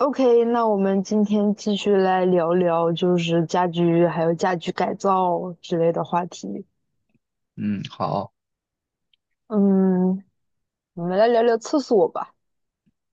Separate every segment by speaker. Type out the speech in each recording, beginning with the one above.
Speaker 1: OK,那我们今天继续来聊聊，就是家居还有家居改造之类的话题。
Speaker 2: 嗯，好，
Speaker 1: 嗯，我们来聊聊厕所吧。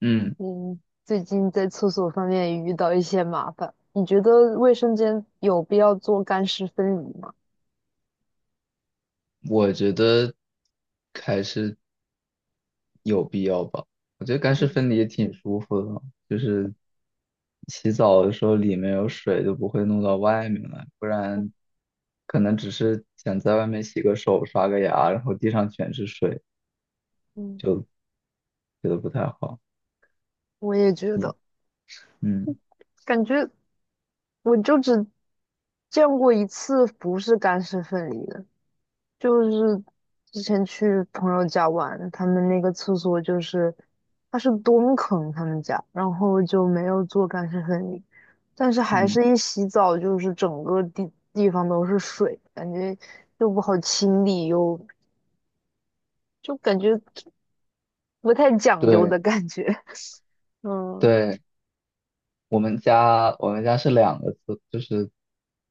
Speaker 2: 嗯，
Speaker 1: 嗯，最近在厕所方面也遇到一些麻烦，你觉得卫生间有必要做干湿分离吗？
Speaker 2: 我觉得还是有必要吧。我觉得干湿
Speaker 1: 嗯
Speaker 2: 分离也挺舒服的，就是洗澡的时候里面有水就不会弄到外面来，不然可能只是想在外面洗个手、刷个牙，然后地上全是水，
Speaker 1: 嗯，
Speaker 2: 就觉得不太好。
Speaker 1: 我也觉
Speaker 2: 你，
Speaker 1: 得，
Speaker 2: 嗯
Speaker 1: 感觉我就见过一次不是干湿分离的，就是之前去朋友家玩，他们那个厕所就是，它是蹲坑，他们家，然后就没有做干湿分离，但是还
Speaker 2: 嗯，
Speaker 1: 是一洗澡就是整个地方都是水，感觉又不好清理，又就感觉不太讲究
Speaker 2: 对
Speaker 1: 的感觉。嗯
Speaker 2: 对，我们家是两个厕，就是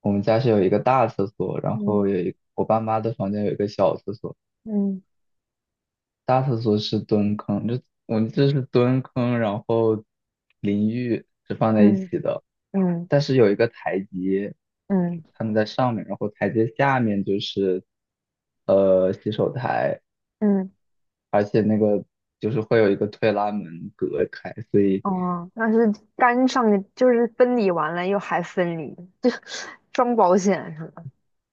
Speaker 2: 我们家是有一个大厕所，然后
Speaker 1: 嗯
Speaker 2: 有我爸妈的房间有一个小厕所。
Speaker 1: 嗯
Speaker 2: 大厕所是蹲坑，我们这是蹲坑，然后淋浴是放在一
Speaker 1: 嗯
Speaker 2: 起的，
Speaker 1: 嗯
Speaker 2: 但是有一个台阶，
Speaker 1: 嗯
Speaker 2: 他们在上面，然后台阶下面就是洗手台，
Speaker 1: 嗯，
Speaker 2: 而且那个就是会有一个推拉门隔开，所以
Speaker 1: 哦，但是干上就是分离完了又还分离，就装保险是吧？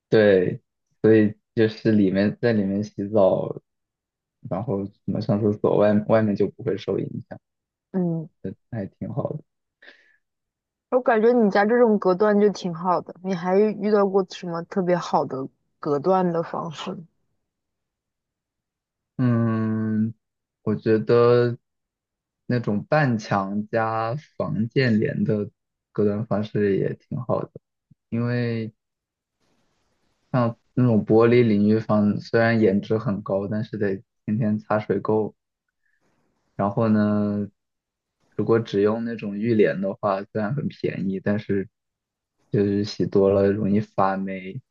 Speaker 2: 对，所以就是在里面洗澡，然后什么上厕所，外面就不会受影响，
Speaker 1: 嗯。
Speaker 2: 还挺好的。
Speaker 1: 我感觉你家这种隔断就挺好的，你还遇到过什么特别好的隔断的方式吗？
Speaker 2: 嗯，我觉得那种半墙加防溅帘的隔断方式也挺好的，因为像那种玻璃淋浴房，虽然颜值很高，但是得天天擦水垢。然后呢，如果只用那种浴帘的话，虽然很便宜，但是就是洗多了容易发霉。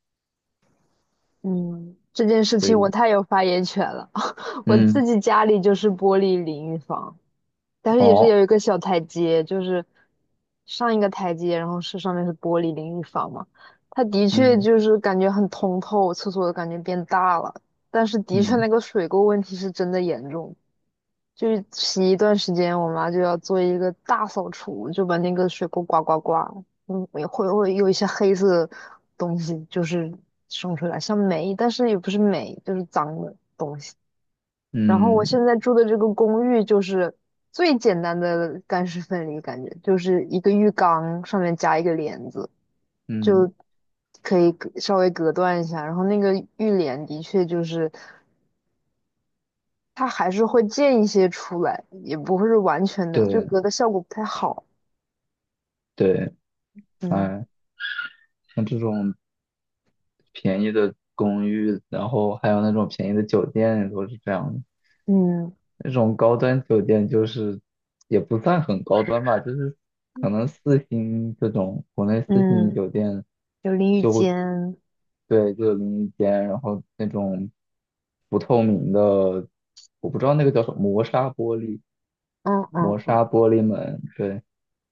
Speaker 1: 嗯，这件事
Speaker 2: 所
Speaker 1: 情我
Speaker 2: 以，
Speaker 1: 太有发言权了。我自
Speaker 2: 嗯，
Speaker 1: 己家里就是玻璃淋浴房，但是也是
Speaker 2: 哦，
Speaker 1: 有一个小台阶，就是上一个台阶，然后是上面是玻璃淋浴房嘛。它的确
Speaker 2: 嗯
Speaker 1: 就是感觉很通透，厕所的感觉变大了，但是的确
Speaker 2: 嗯
Speaker 1: 那个水垢问题是真的严重。就是洗一段时间，我妈就要做一个大扫除，就把那个水沟刮刮刮，嗯，也会有一些黑色东西，就是生出来，像霉，但是也不是霉，就是脏的。然后我
Speaker 2: 嗯
Speaker 1: 现在住的这个公寓就是最简单的干湿分离，感觉就是一个浴缸上面加一个帘子，
Speaker 2: 嗯，
Speaker 1: 就可以稍微隔断一下。然后那个浴帘的确就是。它还是会溅一些出来，也不会是完全的，就
Speaker 2: 对
Speaker 1: 隔的效果不太好。
Speaker 2: 对，
Speaker 1: 嗯
Speaker 2: 哎。像这种便宜的公寓，然后还有那种便宜的酒店都是这样的。
Speaker 1: 嗯
Speaker 2: 那种高端酒店就是也不算很高端吧，就是可能四星这种国内四星
Speaker 1: 嗯，
Speaker 2: 酒店
Speaker 1: 有淋浴
Speaker 2: 就会
Speaker 1: 间，
Speaker 2: 对，就有淋浴间，然后那种不透明的，我不知道那个叫什么，磨砂玻璃，
Speaker 1: 嗯
Speaker 2: 磨
Speaker 1: 嗯
Speaker 2: 砂
Speaker 1: 嗯
Speaker 2: 玻璃门，对，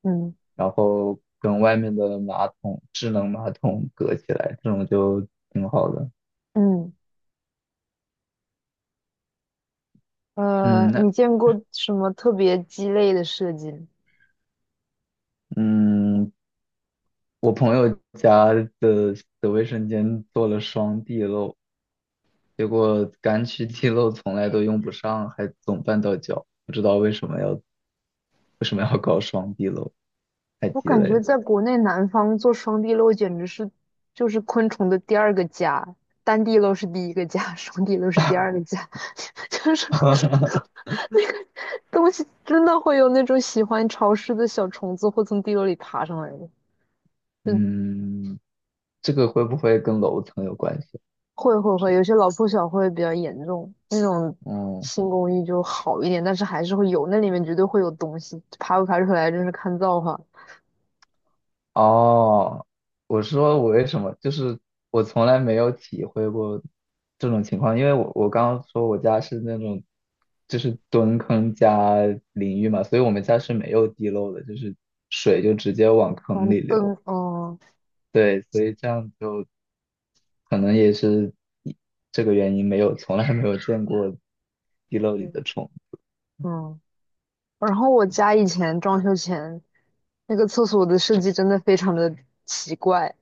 Speaker 1: 嗯
Speaker 2: 然后跟外面的马桶，智能马桶隔起来，这种就挺好的。
Speaker 1: 嗯，
Speaker 2: 嗯，那
Speaker 1: 你见过什么特别鸡肋的设计吗？
Speaker 2: 嗯，我朋友家的的卫生间做了双地漏，结果干区地漏从来都用不上，还总绊到脚，不知道为什么要搞双地漏，太
Speaker 1: 我
Speaker 2: 鸡
Speaker 1: 感
Speaker 2: 肋
Speaker 1: 觉
Speaker 2: 了。
Speaker 1: 在国内南方做双地漏简直是就是昆虫的第二个家，单地漏是第一个家，双地漏是第二个家。就是 那个东西真的会有那种喜欢潮湿的小虫子，会从地沟里爬上来的。嗯，
Speaker 2: 嗯，这个会不会跟楼层有关系？
Speaker 1: 会会会，
Speaker 2: 是，
Speaker 1: 有些老破小会比较严重，那种
Speaker 2: 嗯，
Speaker 1: 新公寓就好一点，但是还是会有，那里面绝对会有东西，爬不爬出来真是看造化。
Speaker 2: 哦，我说我为什么，就是从来没有体会过这种情况，因为我刚刚说我家是那种就是蹲坑加淋浴嘛，所以我们家是没有地漏的，就是水就直接往坑
Speaker 1: 黄
Speaker 2: 里流。
Speaker 1: 灯，嗯
Speaker 2: 对，所以这样就可能也是一这个原因，没有从来没有见过地漏里的
Speaker 1: 嗯
Speaker 2: 虫。
Speaker 1: 嗯。然后我家以前装修前那个厕所的设计真的非常的奇怪，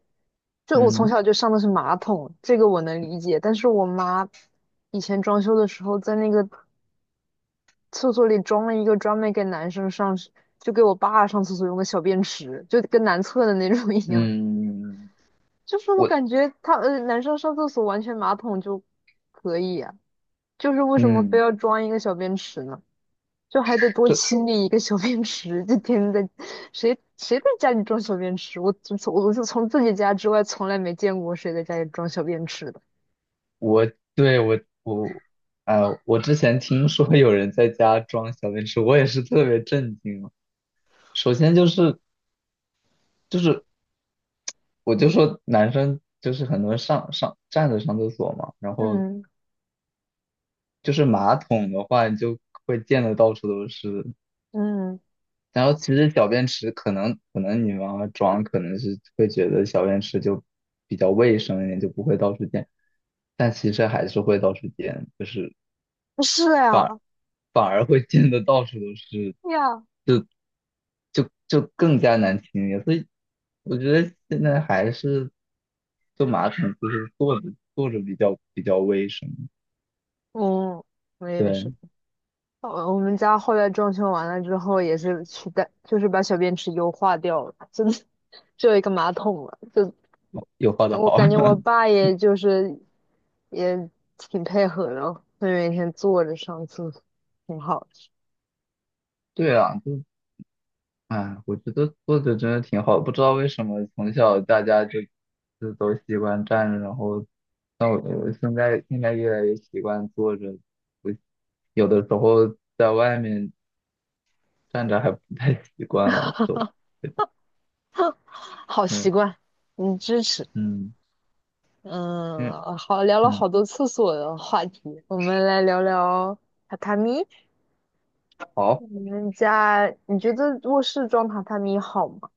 Speaker 1: 就我从
Speaker 2: 嗯
Speaker 1: 小就上的是马桶，这个我能理解。但是我妈以前装修的时候，在那个厕所里装了一个专门给男生上，就给我爸上厕所用的小便池，就跟男厕的那种一样。
Speaker 2: 嗯，嗯
Speaker 1: 就是我
Speaker 2: 我
Speaker 1: 感觉他男生上厕所完全马桶就可以啊，就是为什么非
Speaker 2: 嗯。
Speaker 1: 要装一个小便池呢？就还得多
Speaker 2: 这。
Speaker 1: 清理一个小便池，就天天在谁在家里装小便池？我从从自己家之外从来没见过谁在家里装小便池的。
Speaker 2: 我对我呃，我之前听说有人在家装小便池，我也是特别震惊啊首先就是就是我就说男生就是很多人上站着上厕所嘛，然后
Speaker 1: 嗯，
Speaker 2: 就是马桶的话你就会溅得到处都是。
Speaker 1: 嗯，
Speaker 2: 然后其实小便池可能可能你妈妈装可能是会觉得小便池就比较卫生一点，就不会到处溅，但其实还是会到处溅，就是
Speaker 1: 是呀，
Speaker 2: 反而会溅得到处都是。
Speaker 1: 对呀，
Speaker 2: 就更加难听一点。所以我觉得现在还是坐马桶就是坐着坐着比较卫生。
Speaker 1: 嗯，我也
Speaker 2: 对，
Speaker 1: 是。我我们家后来装修完了之后，也是取代，就是把小便池优化掉了，真的 只有一个马桶了。就
Speaker 2: 哦有画的
Speaker 1: 我
Speaker 2: 好。
Speaker 1: 感觉我 爸也就是也挺配合的哦，会每天坐着上厕所，挺好的，
Speaker 2: 对啊，就哎，我觉得坐着真的挺好的不知道为什么从小大家就都习惯站着，然后那我现在越来越习惯坐着，我有的时候在外面站着还不太习惯了，都对的，
Speaker 1: 好习
Speaker 2: 嗯
Speaker 1: 惯，嗯，支持。
Speaker 2: 嗯嗯
Speaker 1: 嗯，好，聊了
Speaker 2: 嗯，
Speaker 1: 好多厕所的话题，我们来聊聊榻榻米。
Speaker 2: 好。
Speaker 1: 你们家，你觉得卧室装榻榻米好吗？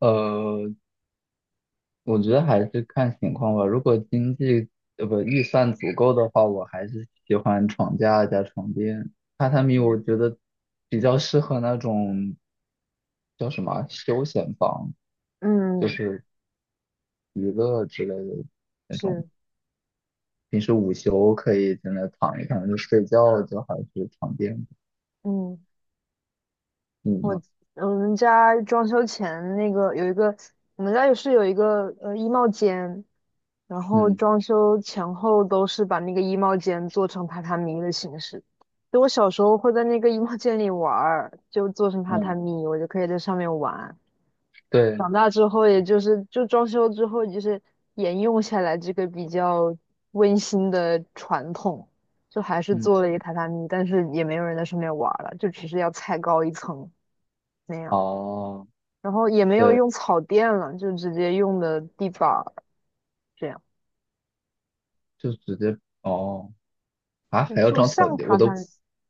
Speaker 2: 呃，我觉得还是看情况吧。如果经济呃不预算足够的话，我还是喜欢床架加床垫。榻榻米我
Speaker 1: 嗯
Speaker 2: 觉得比较适合那种叫什么啊休闲房，就
Speaker 1: 嗯，
Speaker 2: 是娱乐之类的那种。
Speaker 1: 是，
Speaker 2: 平时午休可以在那躺一躺，就睡觉就还是床垫。
Speaker 1: 嗯，
Speaker 2: 你
Speaker 1: 我
Speaker 2: 呢？
Speaker 1: 我们家装修前那个有一个，我们家也是有一个衣帽间，然后
Speaker 2: 嗯
Speaker 1: 装修前后都是把那个衣帽间做成榻榻米的形式。就我小时候会在那个衣帽间里玩儿，就做成榻
Speaker 2: 嗯，
Speaker 1: 榻米，我就可以在上面玩。
Speaker 2: 对，
Speaker 1: 长大之后，也就是就装修之后，就是沿用下来这个比较温馨的传统，就还是
Speaker 2: 嗯，
Speaker 1: 做了一个榻榻米，但是也没有人在上面玩儿了，就只是要踩高一层那样，
Speaker 2: 哦，
Speaker 1: 然后也没有
Speaker 2: 对，
Speaker 1: 用草垫了，就直接用的地板儿这样，
Speaker 2: 就直接哦啊，
Speaker 1: 就
Speaker 2: 还要
Speaker 1: 做
Speaker 2: 装
Speaker 1: 上
Speaker 2: 草地，
Speaker 1: 榻榻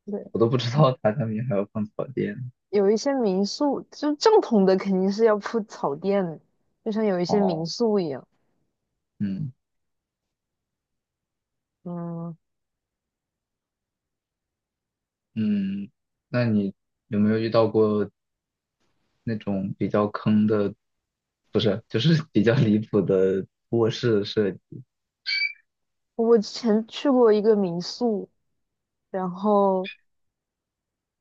Speaker 1: 米。对，
Speaker 2: 我都不知道榻榻米还要放草垫。
Speaker 1: 有一些民宿就正统的肯定是要铺草垫的，就像有一些民
Speaker 2: 哦，
Speaker 1: 宿一样。
Speaker 2: 嗯
Speaker 1: 嗯，
Speaker 2: 嗯，那你有没有遇到过那种比较坑的，不是，就是 比较离谱的卧室设计？
Speaker 1: 我之前去过一个民宿，然后。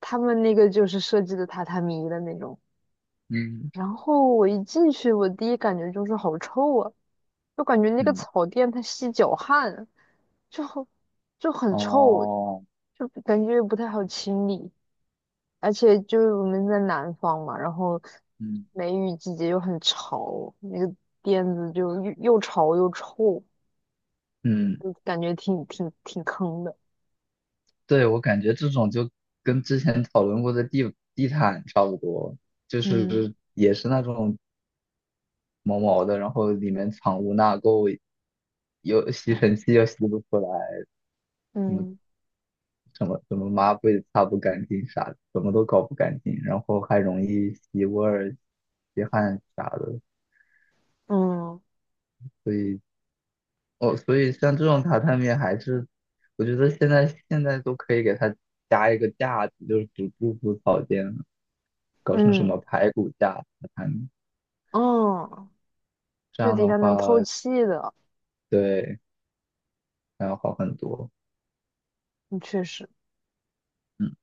Speaker 1: 他们那个就是设计的榻榻米的那种。
Speaker 2: 嗯
Speaker 1: 然后我一进去，我第一感觉就是好臭啊，就感觉那个
Speaker 2: 嗯，
Speaker 1: 草垫它吸脚汗，就好就很臭，
Speaker 2: 哦，
Speaker 1: 就感觉不太好清理。而且就是我们在南方嘛，然后
Speaker 2: 嗯
Speaker 1: 梅雨季节又很潮，那个垫子就又潮又臭，
Speaker 2: 嗯，
Speaker 1: 就感觉挺坑的。
Speaker 2: 对，我感觉这种就跟之前讨论过的地毯差不多，就
Speaker 1: 嗯
Speaker 2: 是也是那种毛毛的，然后里面藏污纳垢，又吸尘器又吸不出来。
Speaker 1: 嗯
Speaker 2: 什么怎么抹布也擦不干净啥的，怎么都搞不干净，然后还容易吸味儿、吸汗啥的，
Speaker 1: 嗯
Speaker 2: 所以哦，所以像这种榻榻米还是，我觉得现在都可以给它加一个架子，就是只不铺草垫，搞成什么
Speaker 1: 嗯
Speaker 2: 排骨架榻榻米，
Speaker 1: 嗯，
Speaker 2: 这
Speaker 1: 就
Speaker 2: 样
Speaker 1: 底
Speaker 2: 的
Speaker 1: 下能
Speaker 2: 话
Speaker 1: 透气的，
Speaker 2: 对，那要好很多。
Speaker 1: 嗯确实。
Speaker 2: 嗯。